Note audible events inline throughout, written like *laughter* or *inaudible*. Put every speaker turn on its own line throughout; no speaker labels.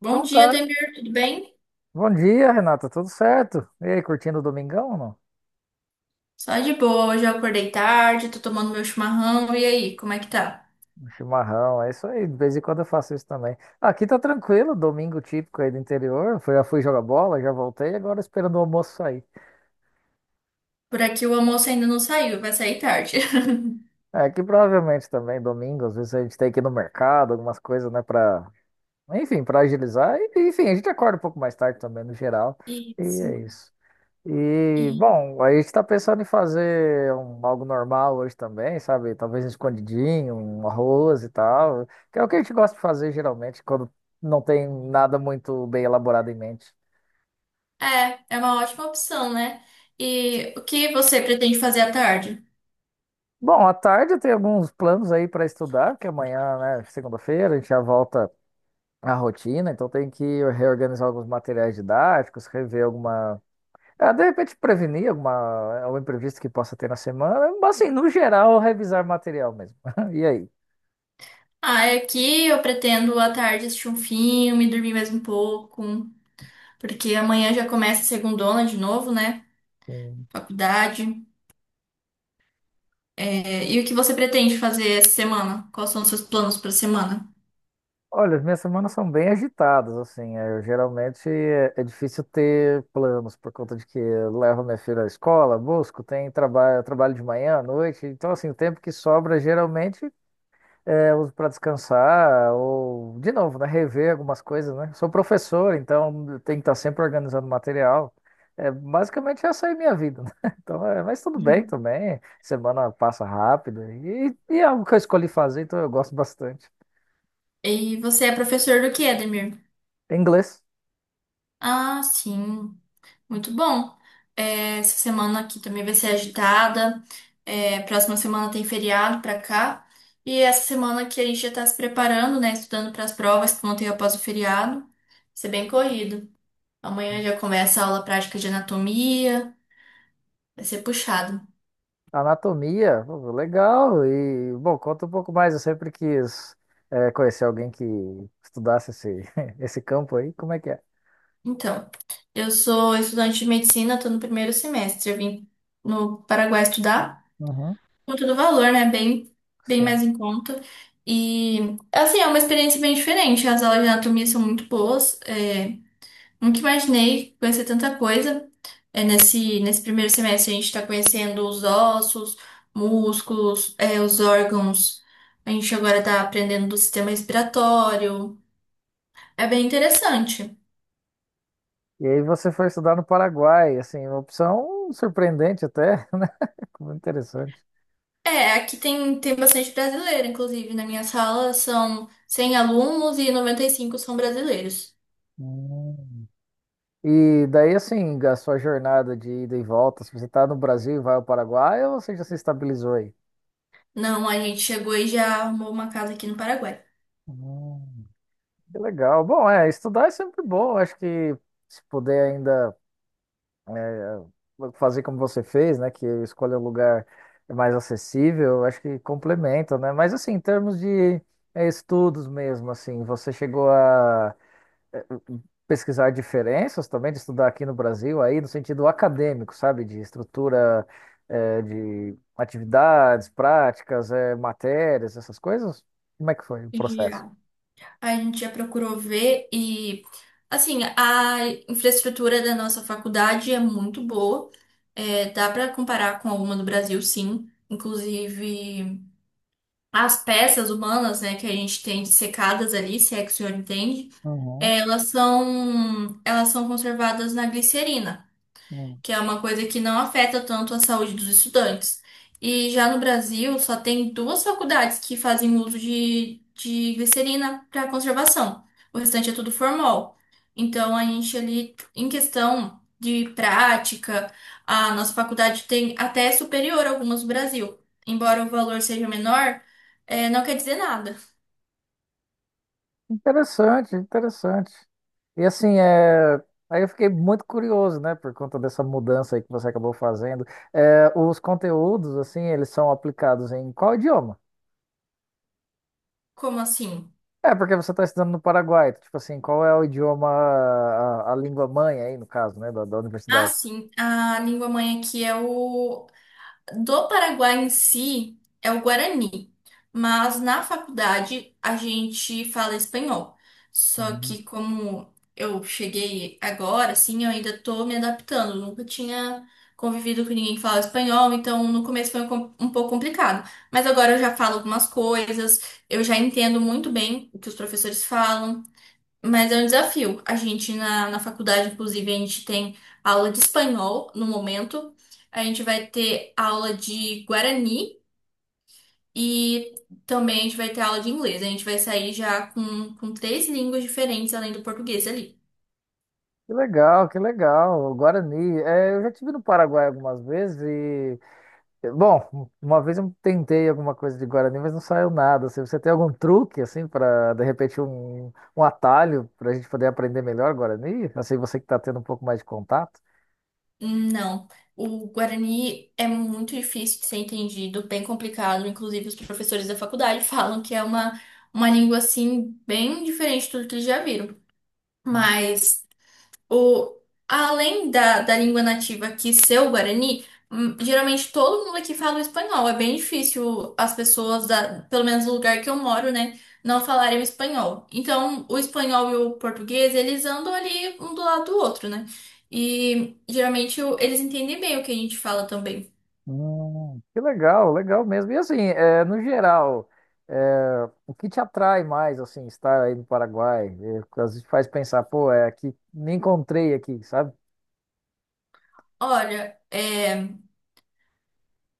Bom
Então
dia,
tá.
Demir, tudo bem?
Bom dia, Renata. Tudo certo? E aí, curtindo o domingão ou não?
Só de boa, hoje eu acordei tarde, tô tomando meu chimarrão, e aí, como é que tá?
Um chimarrão, é isso aí. De vez em quando eu faço isso também. Aqui tá tranquilo, domingo típico aí do interior. Já fui jogar bola, já voltei, agora esperando o almoço sair.
Por aqui o almoço ainda não saiu, vai sair tarde.
É, aqui provavelmente também domingo, às vezes a gente tem que ir no mercado, algumas coisas, né, Enfim, pra agilizar. E, enfim, a gente acorda um pouco mais tarde também, no geral.
*laughs*
E
Isso.
é isso. E,
E
bom, a gente está pensando em fazer algo normal hoje também, sabe? Talvez um escondidinho, um arroz e tal, que é o que a gente gosta de fazer geralmente quando não tem nada muito bem elaborado em mente.
é uma ótima opção, né? E o que você pretende fazer à tarde?
Bom, à tarde eu tenho alguns planos aí para estudar, que amanhã, né, segunda-feira, a gente já volta à rotina, então tem que reorganizar alguns materiais didáticos, rever alguma. Ah, de repente prevenir alguma, algum imprevisto que possa ter na semana, mas assim, no geral, revisar material mesmo. *laughs* E
Ah, é aqui eu pretendo à tarde assistir um filme, dormir mais um pouco, porque amanhã já começa a segundona de novo, né?
aí?
Faculdade. É, e o que você pretende fazer essa semana? Quais são os seus planos para a semana?
Olha, as minhas semanas são bem agitadas, assim. Eu, geralmente é difícil ter planos por conta de que eu levo minha filha à escola, busco, tem trabalho, trabalho de manhã, à noite. Então, assim, o tempo que sobra geralmente eu uso para descansar ou, de novo, né, rever algumas coisas, né? Sou professor, então eu tenho que estar sempre organizando material. É, basicamente essa é a minha vida, né? *laughs* Então, é, mas tudo bem também. Semana passa rápido e é algo que eu escolhi fazer, então eu gosto bastante.
E você é professor do que, Edmir?
Inglês.
Ah, sim, muito bom. É, essa semana aqui também vai ser agitada. É, próxima semana tem feriado pra cá. E essa semana aqui a gente já tá se preparando, né? Estudando para as provas que vão ter após o feriado. Vai ser bem corrido. Amanhã já começa a aula prática de anatomia. Vai ser puxado.
Anatomia, pô, legal. E, bom, conta um pouco mais. Eu sempre quis conhecer alguém que estudasse *laughs* esse campo aí. Como é que é?
Então, eu sou estudante de medicina, tô no primeiro semestre. Eu vim no Paraguai estudar.
Uhum,
Conta do valor, né? Bem, bem
sim.
mais em conta. E, assim, é uma experiência bem diferente. As aulas de anatomia são muito boas. Nunca imaginei conhecer tanta coisa. É, nesse primeiro semestre, a gente está conhecendo os ossos, músculos, os órgãos. A gente agora está aprendendo do sistema respiratório. É bem interessante.
E aí você foi estudar no Paraguai, assim, uma opção surpreendente até, *laughs* né? Muito interessante.
É, aqui tem, tem bastante brasileiro, inclusive. Na minha sala são 100 alunos e 95 são brasileiros.
Hum. E daí, assim, a sua jornada de ida e volta, se você está no Brasil e vai ao Paraguai, ou você já se estabilizou aí?
Não, a gente chegou e já arrumou uma casa aqui no Paraguai.
Hum, que legal. Bom, é, estudar é sempre bom. Acho que se puder ainda fazer como você fez, né? Que escolhe um lugar mais acessível, eu acho que complementa, né? Mas assim, em termos de estudos mesmo, assim, você chegou a eh, pesquisar diferenças também de estudar aqui no Brasil, aí no sentido acadêmico, sabe? De estrutura, de atividades, práticas, matérias, essas coisas? Como é que foi o processo?
Já. A gente já procurou ver e, assim, a infraestrutura da nossa faculdade é muito boa. É, dá para comparar com alguma do Brasil, sim. Inclusive, as peças humanas, né, que a gente tem dissecadas ali, se é que o senhor entende,
Uhum,
elas são conservadas na glicerina.
uhum.
Que é uma coisa que não afeta tanto a saúde dos estudantes. E já no Brasil, só tem duas faculdades que fazem uso de glicerina para conservação. O restante é tudo formol. Então, a gente ali, em questão de prática, a nossa faculdade tem até superior a algumas do Brasil. Embora o valor seja menor, não quer dizer nada.
Interessante, interessante. E assim, é... aí eu fiquei muito curioso, né, por conta dessa mudança aí que você acabou fazendo. É, os conteúdos, assim, eles são aplicados em qual idioma?
Como assim?
É, porque você está estudando no Paraguai, então, tipo assim, qual é o idioma, a língua mãe aí, no caso, né, da
Ah,
universidade?
sim, a língua mãe aqui é o do Paraguai em si é o Guarani, mas na faculdade a gente fala espanhol. Só
Uhum.
que como eu cheguei agora, assim, eu ainda tô me adaptando. Nunca tinha convivido com ninguém que falava espanhol, então no começo foi um pouco complicado. Mas agora eu já falo algumas coisas, eu já entendo muito bem o que os professores falam. Mas é um desafio. A gente, na faculdade, inclusive, a gente tem aula de espanhol no momento. A gente vai ter aula de guarani e também a gente vai ter aula de inglês. A gente vai sair já com três línguas diferentes além do português ali.
Que legal, que legal. O Guarani. É, eu já estive no Paraguai algumas vezes. Bom, uma vez eu tentei alguma coisa de Guarani, mas não saiu nada. Assim, você tem algum truque, assim, para, de repente, um atalho para a gente poder aprender melhor Guarani? Assim, você que está tendo um pouco mais de contato.
Não. O guarani é muito difícil de ser entendido, bem complicado. Inclusive, os professores da faculdade *laughs* falam que é uma língua assim, bem diferente de tudo que eles já viram. Mas. O, além da língua nativa que ser o Guarani, geralmente todo mundo aqui fala o espanhol. É bem difícil as pessoas, da, pelo menos no lugar que eu moro, né, não falarem o espanhol. Então, o espanhol e o português, eles andam ali um do lado do outro, né? E geralmente eles entendem bem o que a gente fala também.
Que legal, legal mesmo. E assim, é, no geral, é, o que te atrai mais, assim, estar aí no Paraguai? É, às vezes faz pensar, pô, é aqui, me encontrei aqui, sabe?
Olha, é,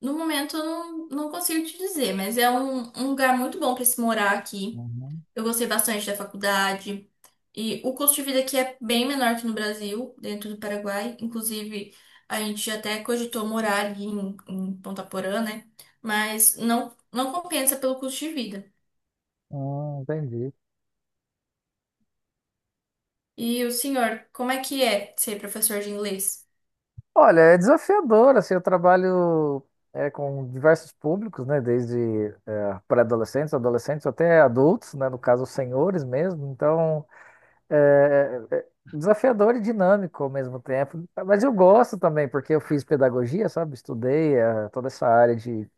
no momento eu não consigo te dizer, mas é um lugar muito bom para se morar aqui.
Uhum.
Eu gostei bastante da faculdade. E o custo de vida aqui é bem menor que no Brasil, dentro do Paraguai. Inclusive, a gente até cogitou morar ali em Ponta Porã, né? Mas não, não compensa pelo custo de vida.
Entendi.
E o senhor, como é que é ser professor de inglês?
Olha, é desafiador, assim, eu trabalho com diversos públicos, né, desde pré-adolescentes, adolescentes até adultos, né, no caso, senhores mesmo, então é, é desafiador e dinâmico ao mesmo tempo, mas eu gosto também, porque eu fiz pedagogia, sabe, estudei toda essa área de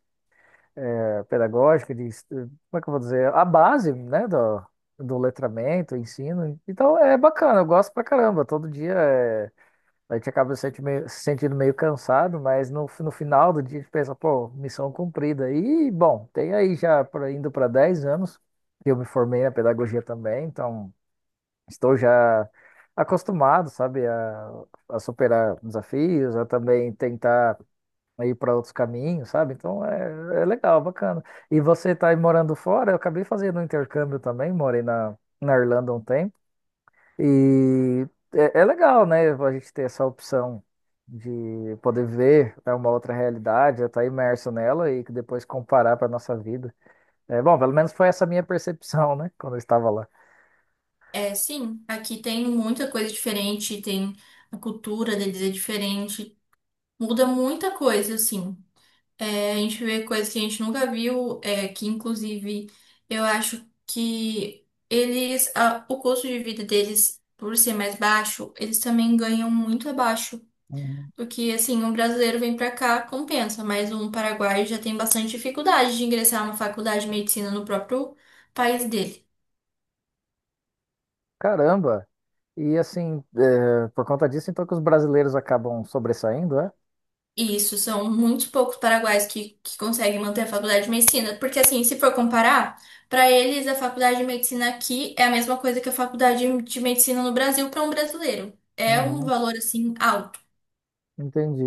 pedagógica, como é que eu vou dizer, a base, né, do letramento, ensino, então é bacana, eu gosto pra caramba, todo dia é a gente acaba se sentindo meio cansado, mas no final do dia a gente pensa, pô, missão cumprida. E, bom, tem aí já indo para 10 anos que eu me formei na pedagogia também, então estou já acostumado, sabe, a superar desafios, a também tentar ir para outros caminhos, sabe? Então é, é legal, bacana. E você tá aí morando fora? Eu acabei fazendo um intercâmbio também, morei na Irlanda um tempo. E é, é legal, né? A gente ter essa opção de poder ver, né, uma outra realidade, estar imerso nela e que depois comparar para nossa vida. É, bom, pelo menos foi essa minha *laughs* percepção, né? Quando eu estava lá.
É, sim, aqui tem muita coisa diferente, tem a cultura deles é diferente, muda muita coisa, assim. A gente vê coisas que a gente nunca viu, é, que inclusive eu acho que eles, o custo de vida deles, por ser mais baixo, eles também ganham muito abaixo.
Uhum.
Porque assim, um brasileiro vem pra cá, compensa, mas um paraguaio já tem bastante dificuldade de ingressar numa faculdade de medicina no próprio país dele.
Caramba! E assim, é, por conta disso, então que os brasileiros acabam sobressaindo, é?
Isso, são muito poucos paraguaios que conseguem manter a faculdade de medicina, porque assim, se for comparar, para eles a faculdade de medicina aqui é a mesma coisa que a faculdade de medicina no Brasil para um brasileiro. É um
Uhum,
valor assim alto.
entendi.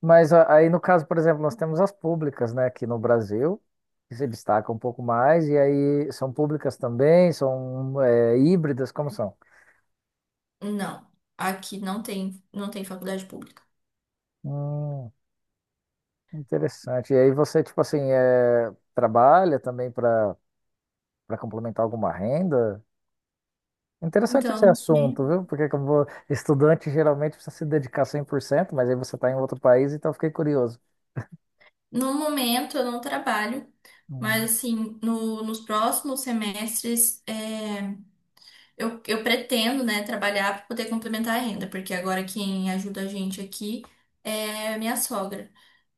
Aí, no caso, por exemplo, nós temos as públicas, né, aqui no Brasil, que se destacam um pouco mais, e aí são públicas também, são é, híbridas, como são?
Não, aqui não tem, não tem faculdade pública.
Hum, interessante. E aí você, tipo assim, é, trabalha também para complementar alguma renda? Interessante esse
Então, né,
assunto, viu? Porque como estudante geralmente precisa se dedicar 100%, mas aí você está em outro país, então eu fiquei curioso.
no momento eu não trabalho, mas
Hum,
assim, nos próximos semestres é, eu pretendo, né, trabalhar para poder complementar a renda, porque agora quem ajuda a gente aqui é a minha sogra.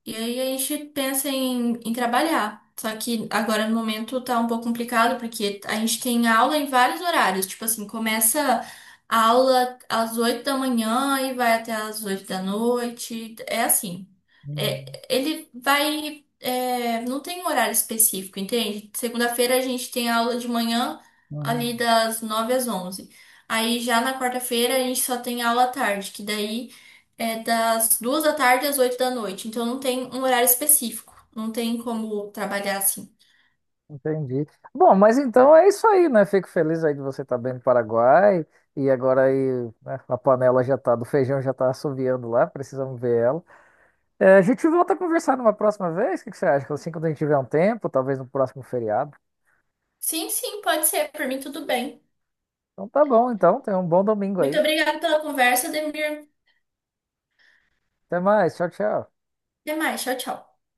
E aí a gente pensa em trabalhar. Só que agora no momento tá um pouco complicado, porque a gente tem aula em vários horários. Tipo assim, começa a aula às 8 da manhã e vai até às 8 da noite. É assim. É,
hum,
ele vai. É, não tem um horário específico, entende? Segunda-feira a gente tem aula de manhã,
hum,
ali
hum.
das 9 às 11. Aí já na quarta-feira a gente só tem aula à tarde, que daí. É das 2 da tarde às 8 da noite, então não tem um horário específico, não tem como trabalhar assim.
Entendi. Bom, mas então é isso aí, né? Fico feliz aí de você estar bem no Paraguai. E agora aí, né, a panela já tá, do feijão já tá assoviando lá, precisamos ver ela. É, a gente volta a conversar numa próxima vez, o que que você acha? Assim, quando a gente tiver um tempo, talvez no próximo feriado.
Sim, sim, pode ser, por mim tudo bem.
Então tá bom, então, tenha um bom domingo
Muito
aí.
obrigada pela conversa, Demir.
Até mais, tchau, tchau.
Até mais, tchau, tchau.